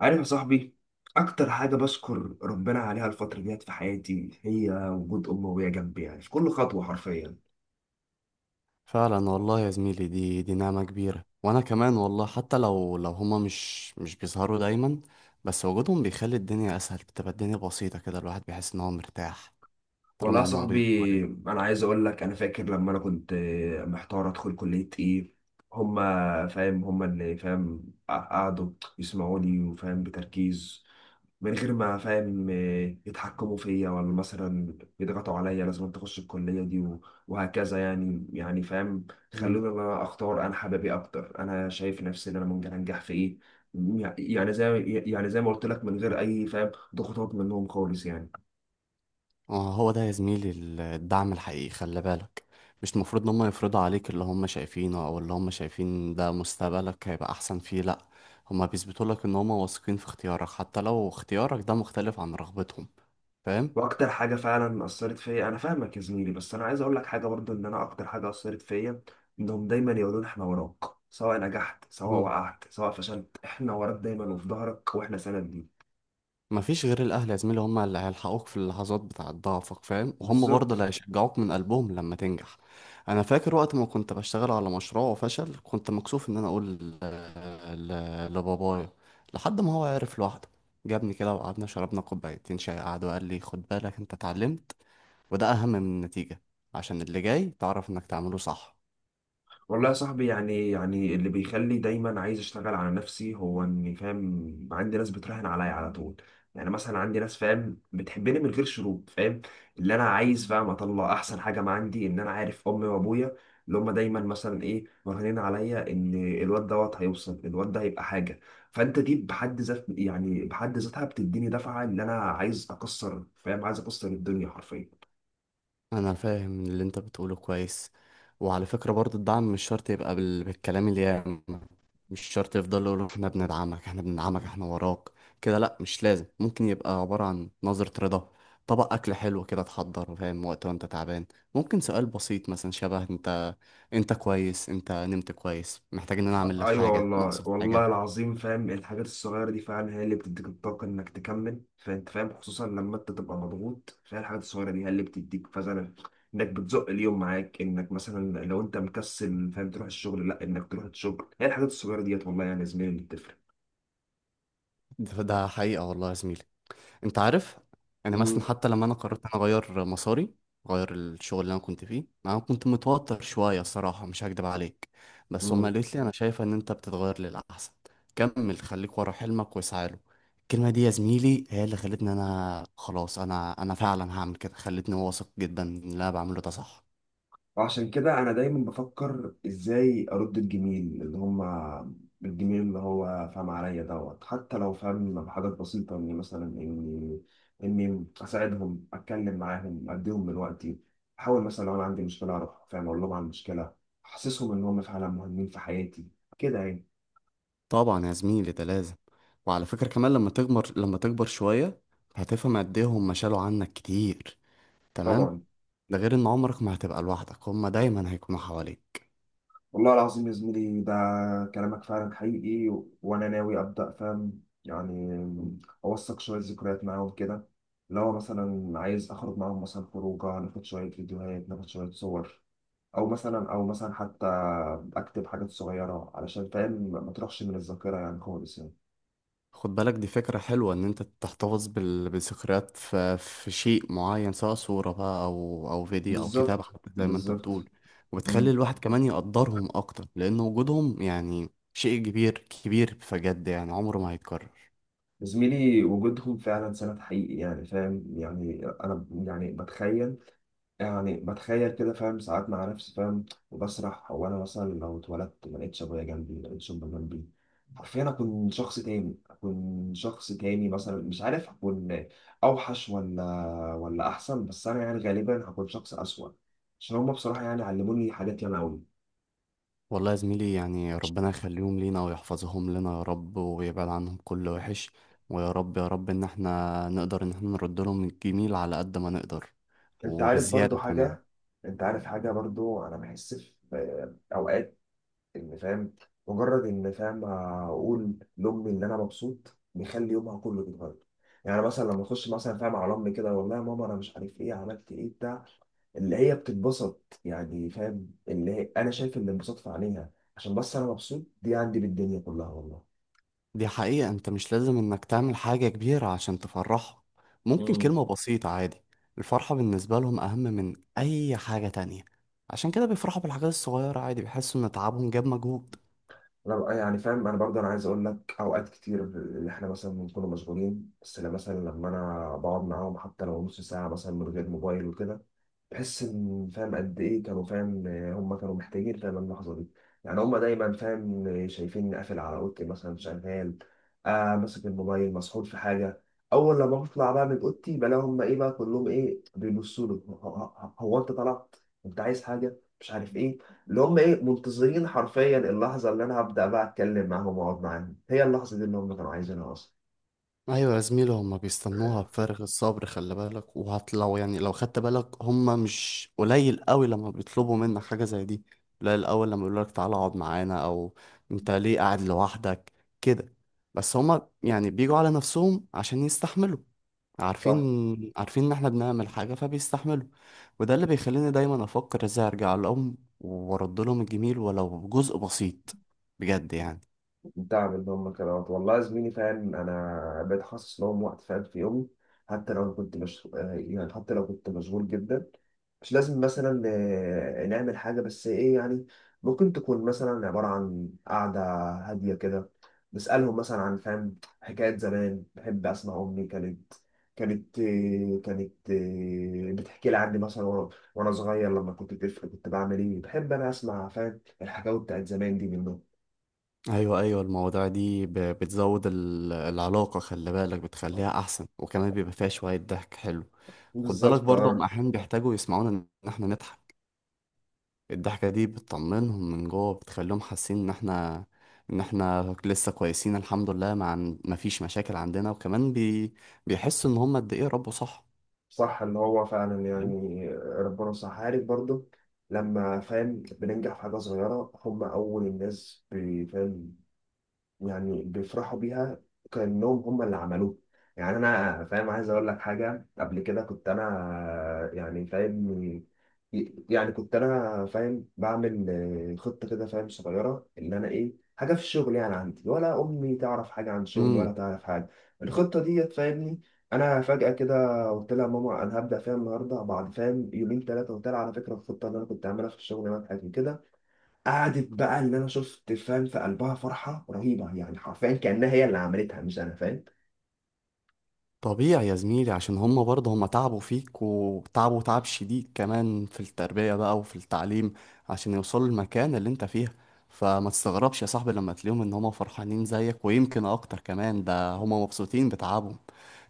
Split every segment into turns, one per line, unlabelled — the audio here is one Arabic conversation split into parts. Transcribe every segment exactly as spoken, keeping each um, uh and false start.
عارف يا صاحبي، اكتر حاجه بشكر ربنا عليها الفتره ديت في حياتي هي وجود امي وهي جنبي، يعني في كل خطوه حرفيا.
فعلا والله يا زميلي دي دي نعمة كبيرة، وانا كمان والله حتى لو لو هما مش مش بيظهروا دايما، بس وجودهم بيخلي الدنيا اسهل، بتبقى الدنيا بسيطة كده، الواحد بيحس ان هو مرتاح
والله
طالما
يا
هما موجودين
صاحبي،
حواليه.
انا عايز اقول لك، انا فاكر لما انا كنت محتار ادخل كليه ايه. هما فاهم هما اللي فاهم، قعدوا يسمعوا لي وفاهم بتركيز، من غير ما فاهم آه، يتحكموا فيا، ولا مثلا يضغطوا عليا لازم أنت تخش الكلية دي و- وهكذا. يعني يعني فاهم،
مم.
خلوني إن أنا أختار أنا حبابي أكتر، أنا شايف نفسي إن أنا ممكن أنجح في إيه. يعني زي يعني زي ما قلت لك، من غير أي فاهم ضغوطات منهم خالص يعني.
آه، هو ده يا زميلي ال- الدعم الحقيقي، خلي بالك. مش المفروض ان هما يفرضوا عليك اللي هما شايفينه او اللي هما شايفين ده مستقبلك هيبقى احسن فيه، لا. هما بيثبتوا لك ان هما واثقين في اختيارك حتى لو اختيارك ده مختلف عن رغبتهم، فاهم؟
وأكتر حاجة فعلا أثرت فيا، أنا فاهمك يا زميلي، بس أنا عايز أقول لك حاجة برضه، إن أنا أكتر حاجة أثرت فيا إنهم دايما يقولون إحنا وراك، سواء نجحت سواء وقعت سواء فشلت، إحنا وراك دايما وفي ظهرك وإحنا سند ليك.
مفيش غير الأهل يا زميلي، هم اللي هيلحقوك في اللحظات بتاعة ضعفك، فاهم، وهم برضه اللي
بالظبط.
هيشجعوك من قلبهم لما تنجح. أنا فاكر وقت ما كنت بشتغل على مشروع وفشل، كنت مكسوف إن أنا أقول ل- ل- لبابايا، لحد ما هو عرف لوحده. جابني كده وقعدنا شربنا كوبايتين شاي، قعد وقال لي: خد بالك، أنت اتعلمت، وده أهم من النتيجة، عشان اللي جاي تعرف إنك تعمله صح.
والله يا صاحبي، يعني يعني اللي بيخلي دايما عايز اشتغل على نفسي هو اني فاهم عندي ناس بتراهن عليا على طول. يعني مثلا عندي ناس فاهم بتحبني من غير شروط، فاهم، اللي انا عايز فاهم اطلع احسن حاجه ما عندي، ان انا عارف امي وابويا اللي هم دايما مثلا ايه مرهنين عليا ان الواد دوت هيوصل، الواد ده هيبقى حاجه. فانت دي بحد ذات يعني بحد ذاتها بتديني دفعه ان انا عايز اكسر فاهم عايز اكسر الدنيا حرفيا.
انا فاهم اللي انت بتقوله كويس. وعلى فكرة برضو، الدعم مش شرط يبقى بال... بالكلام اليام، مش شرط يفضل يقولوا: احنا بندعمك، احنا بندعمك، احنا وراك كده، لا. مش لازم، ممكن يبقى عبارة عن نظرة رضا، طبق اكل حلو كده تحضره، فاهم، وقت وانت تعبان، ممكن سؤال بسيط مثلا شبه: انت، انت كويس؟ انت نمت كويس؟ محتاج ان انا اعمل لك
ايوه
حاجة؟
والله،
ناقصك
والله
حاجة؟
العظيم، فاهم الحاجات الصغيره دي فعلا هي اللي بتديك الطاقه انك تكمل، فانت فاهم خصوصا لما انت تبقى مضغوط، فهي الحاجات الصغيره دي هي اللي بتديك فعلا انك بتزق اليوم معاك، انك مثلا لو انت مكسل فاهم تروح الشغل، لا، انك تروح الشغل هي الحاجات الصغيره ديت والله، يعني يا زميلي اللي بتفرق.
ده ده حقيقة والله يا زميلي. انت عارف، انا مثلا حتى لما انا قررت انا اغير مساري، اغير الشغل اللي انا كنت فيه، انا كنت متوتر شويه الصراحه، مش هكدب عليك، بس هما
مم.
قالت لي: انا شايفه ان انت بتتغير للاحسن، كمل، خليك ورا حلمك واسعى له. الكلمه دي يا زميلي هي اللي خلتني انا خلاص انا انا فعلا هعمل كده، خلتني واثق جدا ان اللي انا بعمله ده صح.
عشان كده انا دايما بفكر ازاي ارد الجميل اللي هما، الجميل اللي هو فاهم عليا دوت، حتى لو فاهم بحاجات بسيطة، اني مثلا اني اني اساعدهم، اتكلم معاهم، اديهم من وقتي، احاول مثلا لو انا عندي مشكلة اروح فاهم اقول لهم عن المشكلة، احسسهم ان هم فعلا مهمين في حياتي كده يعني.
طبعا يا زميلي ده لازم. وعلى فكره كمان لما تكبر، لما تكبر شويه، هتفهم قد ايه هما شالوا عنك كتير،
طبعا.
تمام؟ ده غير ان عمرك ما هتبقى لوحدك، هما دايما هيكونوا حواليك.
والله العظيم يا زميلي، ده كلامك فعلا حقيقي، و- وانا ناوي ابدا فاهم يعني اوثق شويه ذكريات معاهم كده. لو مثلا عايز اخرج معاهم مثلا خروجه، ناخد شويه فيديوهات، ناخد شويه صور، او مثلا او مثلا حتى اكتب حاجات صغيره علشان فاهم ما تروحش من الذاكره يعني خالص يعني.
خد بالك، دي فكرة حلوة ان انت تحتفظ بال- بذكريات في, في شيء معين، سواء صورة بقى او او فيديو او كتاب
بالظبط
حتى، زي ما انت
بالظبط
بتقول. وبتخلي
مم.
الواحد كمان يقدرهم اكتر، لان وجودهم يعني شيء كبير، كبير بجد يعني، عمره ما هيتكرر.
زميلي وجودهم فعلا سند حقيقي، يعني فاهم، يعني انا يعني بتخيل، يعني بتخيل كده فاهم ساعات مع نفسي فاهم، وبسرح. هو انا مثلا لو اتولدت ما لقيتش ابويا جنبي، ما لقيتش امي جنبي، حرفيا اكون شخص تاني اكون شخص تاني. مثلا مش عارف اكون اوحش ولا، ولا احسن، بس انا يعني غالبا هكون شخص اسوأ، عشان هما بصراحة يعني علموني حاجات ياما قوي.
والله يا زميلي يعني ربنا يخليهم لينا ويحفظهم لنا يا رب، ويبعد عنهم كل وحش. ويا رب يا رب ان احنا نقدر ان احنا نرد لهم الجميل على قد ما نقدر،
انت عارف برضو
وبزيادة كمان.
حاجة، انت عارف حاجة برضو، انا بحس في اوقات ان فاهم مجرد ان فاهم اقول لامي ان انا مبسوط بيخلي يومها كله بيتغير. يعني مثلا لما اخش مثلا فاهم على امي كده، والله يا ماما انا مش عارف ايه، عملت ايه بتاع، اللي هي بتتبسط، يعني فاهم اللي هي انا شايف الانبساط في عينيها، عشان بس انا مبسوط. دي عندي بالدنيا كلها والله.
دي حقيقة، انت مش لازم انك تعمل حاجة كبيرة عشان تفرحهم، ممكن
امم
كلمة بسيطة عادي. الفرحة بالنسبة لهم اهم من اي حاجة تانية، عشان كده بيفرحوا بالحاجات الصغيرة عادي، بيحسوا ان تعبهم جاب مجهود.
انا بقى يعني فاهم، انا برضه انا عايز اقول لك اوقات كتير اللي احنا مثلا بنكون مشغولين، بس لما مثلا لما انا بقعد معاهم حتى لو نص ساعه مثلا من غير موبايل وكده، تحس ان فاهم قد ايه كانوا فاهم هم كانوا محتاجين فاهم اللحظه دي. يعني هم دايما فاهم شايفيني قافل على اوضتي مثلا شغال، آه ماسك الموبايل مسحول في حاجه. اول لما بطلع بقى من اوضتي بلاقي هم ايه بقى كلهم ايه بيبصوا لي، هو هو- هو انت طلعت، انت عايز حاجه مش عارف ايه. اللي هم ايه منتظرين حرفيا اللحظه اللي انا هبدا بقى اتكلم معاهم واقعد معاهم، هي اللحظه دي اللي هم كانوا عايزينها اصلا.
ايوه يا زميلي، هما بيستنوها بفارغ الصبر، خلي بالك. وهتلو يعني لو خدت بالك، هما مش قليل قوي لما بيطلبوا منك حاجه زي دي، قليل قوي لما يقولوا لك تعالى اقعد معانا، او انت ليه قاعد لوحدك كده. بس هما يعني بيجوا على نفسهم عشان يستحملوا، عارفين،
صح.
عارفين ان احنا بنعمل حاجه فبيستحملوا. وده اللي بيخليني دايما افكر ازاي ارجع لهم وارد لهم الجميل ولو جزء بسيط، بجد يعني.
الدعم اللي هم كانوا عطوه. والله يا زميلي، فاهم انا بقيت حاسس لهم وقت فاهم في يومي، حتى لو كنت مش آه، يعني حتى لو كنت مشغول جدا، مش لازم مثلا آه، نعمل حاجة، بس إيه يعني، ممكن تكون مثلا عبارة عن قعدة هادية كده، بسألهم مثلا عن فاهم حكايات زمان. بحب أسمع أمي، كانت كانت آه، كانت آه، بتحكي لي عني مثلا، وأنا وأنا صغير لما كنت طفل كنت بعمل إيه. بحب أنا أسمع فاهم الحكاوي بتاعت زمان دي منهم.
ايوه ايوه، المواضيع دي ب- بتزود ال- العلاقه، خلي بالك، بتخليها احسن، وكمان بيبقى فيها شويه ضحك حلو. خد بالك
بالظبط
برضه، هم
اه.
احيانا بيحتاجوا يسمعونا ان احنا نضحك. الضحكه دي بتطمنهم من جوه، بتخليهم حاسين ان احنا، ان احنا لسه كويسين، الحمد لله، ما عن... ما فيش مشاكل عندنا، وكمان بي... بيحسوا ان هم قد ايه ربوا صح،
صح، اللي هو فعلا يعني ربنا صح. عارف برضه لما فاهم بننجح في حاجة صغيرة، هم أول الناس بي- فاهم يعني بيفرحوا بيها، كأنهم هم اللي عملوه. يعني انا فاهم عايز اقول لك حاجه، قبل كده كنت انا يعني فاهم، يعني كنت انا فاهم بعمل خطه كده فاهم صغيره، اللي انا ايه حاجه في الشغل يعني عندي، ولا امي تعرف حاجه عن شغلي، ولا
تمام؟
تعرف حاجه الخطه دي فاهمني. انا فجاه كده قلت لها ماما انا هبدا فيها النهارده، بعد فاهم يومين ثلاثه قلت لها على فكره الخطه اللي انا كنت عاملها في الشغل نجحت كده. قعدت بقى اللي انا شفت فاهم في قلبها فرحه رهيبه، يعني حرفيا كانها هي اللي عملتها مش انا فاهم.
طبيعي يا زميلي، عشان هما برضه، هما تعبوا فيك، وتعبوا تعب شديد كمان في التربية بقى وفي التعليم، عشان يوصلوا المكان اللي انت فيها. فما تستغربش يا صاحبي لما تلاقيهم ان هما فرحانين زيك ويمكن اكتر كمان، ده هما مبسوطين بتعبهم.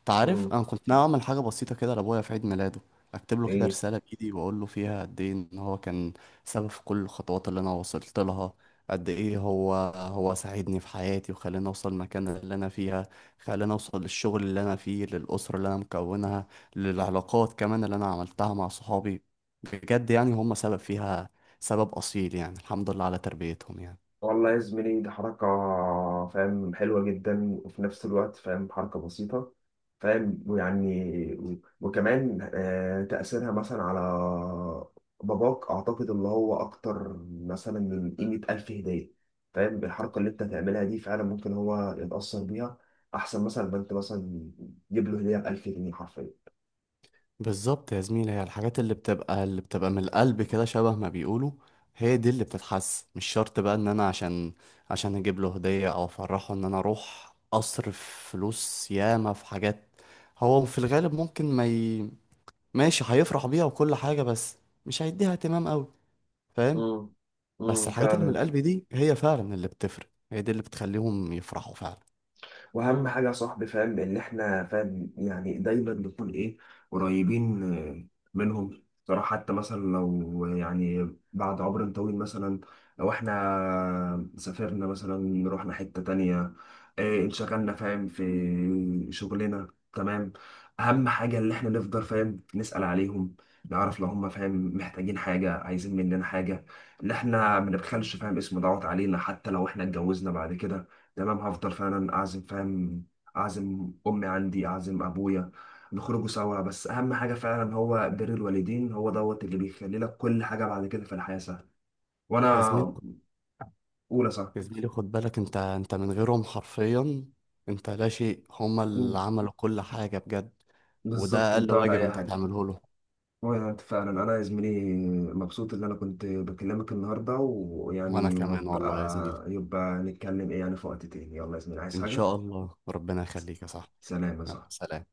تعرف،
مم.
انا كنت ناوي اعمل حاجه بسيطه كده لابويا في عيد ميلاده، اكتب له كده
ايه
رساله بايدي، واقول له فيها قد ايه ان هو كان سبب في كل الخطوات اللي انا وصلت لها، قد ايه هو هو ساعدني في حياتي وخلاني اوصل المكان اللي انا فيها، خلاني اوصل للشغل اللي انا فيه، للاسره اللي انا مكونها، للعلاقات كمان اللي انا عملتها مع صحابي. بجد يعني هم سبب فيها، سبب اصيل يعني، الحمد لله على تربيتهم يعني.
والله يا زميلي، دي حركه فاهم حلوه جدا، وفي نفس الوقت فاهم حركه بسيطه فاهم ويعني، و- وكمان آه، تاثيرها مثلا على باباك اعتقد اللي هو اكتر مثلا من قيمه الف هديه، فاهم بالحركه اللي انت هتعملها دي فعلا ممكن هو يتاثر بيها احسن مثلا ما انت مثلا تجيب له هديه ب ألف جنيه حرفيا.
بالظبط يا زميلي، هي الحاجات اللي بتبقى، اللي بتبقى من القلب كده، شبه ما بيقولوا، هي دي اللي بتتحس. مش شرط بقى ان انا عشان، عشان اجيب له هدية او افرحه ان انا اروح اصرف فلوس ياما في حاجات، هو في الغالب ممكن ما ي... ماشي هيفرح بيها وكل حاجة، بس مش هيديها اهتمام قوي، فاهم.
امم امم
بس الحاجات اللي
فعلا.
من القلب دي هي فعلا اللي بتفرق، هي دي اللي بتخليهم يفرحوا فعلا.
واهم حاجه يا صاحبي فاهم ان احنا فاهم يعني دايما نكون ايه، قريبين آه، منهم صراحه، حتى مثلا لو يعني بعد عمر طويل مثلا لو احنا سافرنا مثلا رحنا حته تانية، إيه انشغلنا فاهم في شغلنا، تمام، اهم حاجه اللي احنا نفضل فاهم نسال عليهم، نعرف لو هم فاهم محتاجين حاجه عايزين مننا حاجه، اللي احنا ما نبخلش فاهم اسم دعوت علينا، حتى لو احنا اتجوزنا بعد كده تمام، هفضل فعلا اعزم فاهم، اعزم امي عندي، اعزم ابويا، نخرجوا سوا. بس اهم حاجه فعلا هو بر الوالدين، هو دوت اللي بيخلي لك كل حاجه بعد كده في الحياه سهله.
يا
وانا
زميلي
اولى صح.
يا زميلي خد بالك انت، انت من غيرهم حرفيا انت لا شيء، هما اللي
مم.
عملوا كل حاجة بجد،
بالظبط،
وده
انت
اقل
ولا
واجب
اي
انت
حاجه.
تعمله له.
وانا انت فعلا، انا يا زميلي مبسوط ان انا كنت بكلمك النهارده،
وانا
ويعني
كمان والله يا زميلي،
وابقى يبقى نتكلم ايه يعني في وقت تاني. يلا يا زميلي، عايز
ان
حاجه؟
شاء الله ربنا يخليك يا صاحبي.
سلام يا
يلا
صاحبي.
سلام.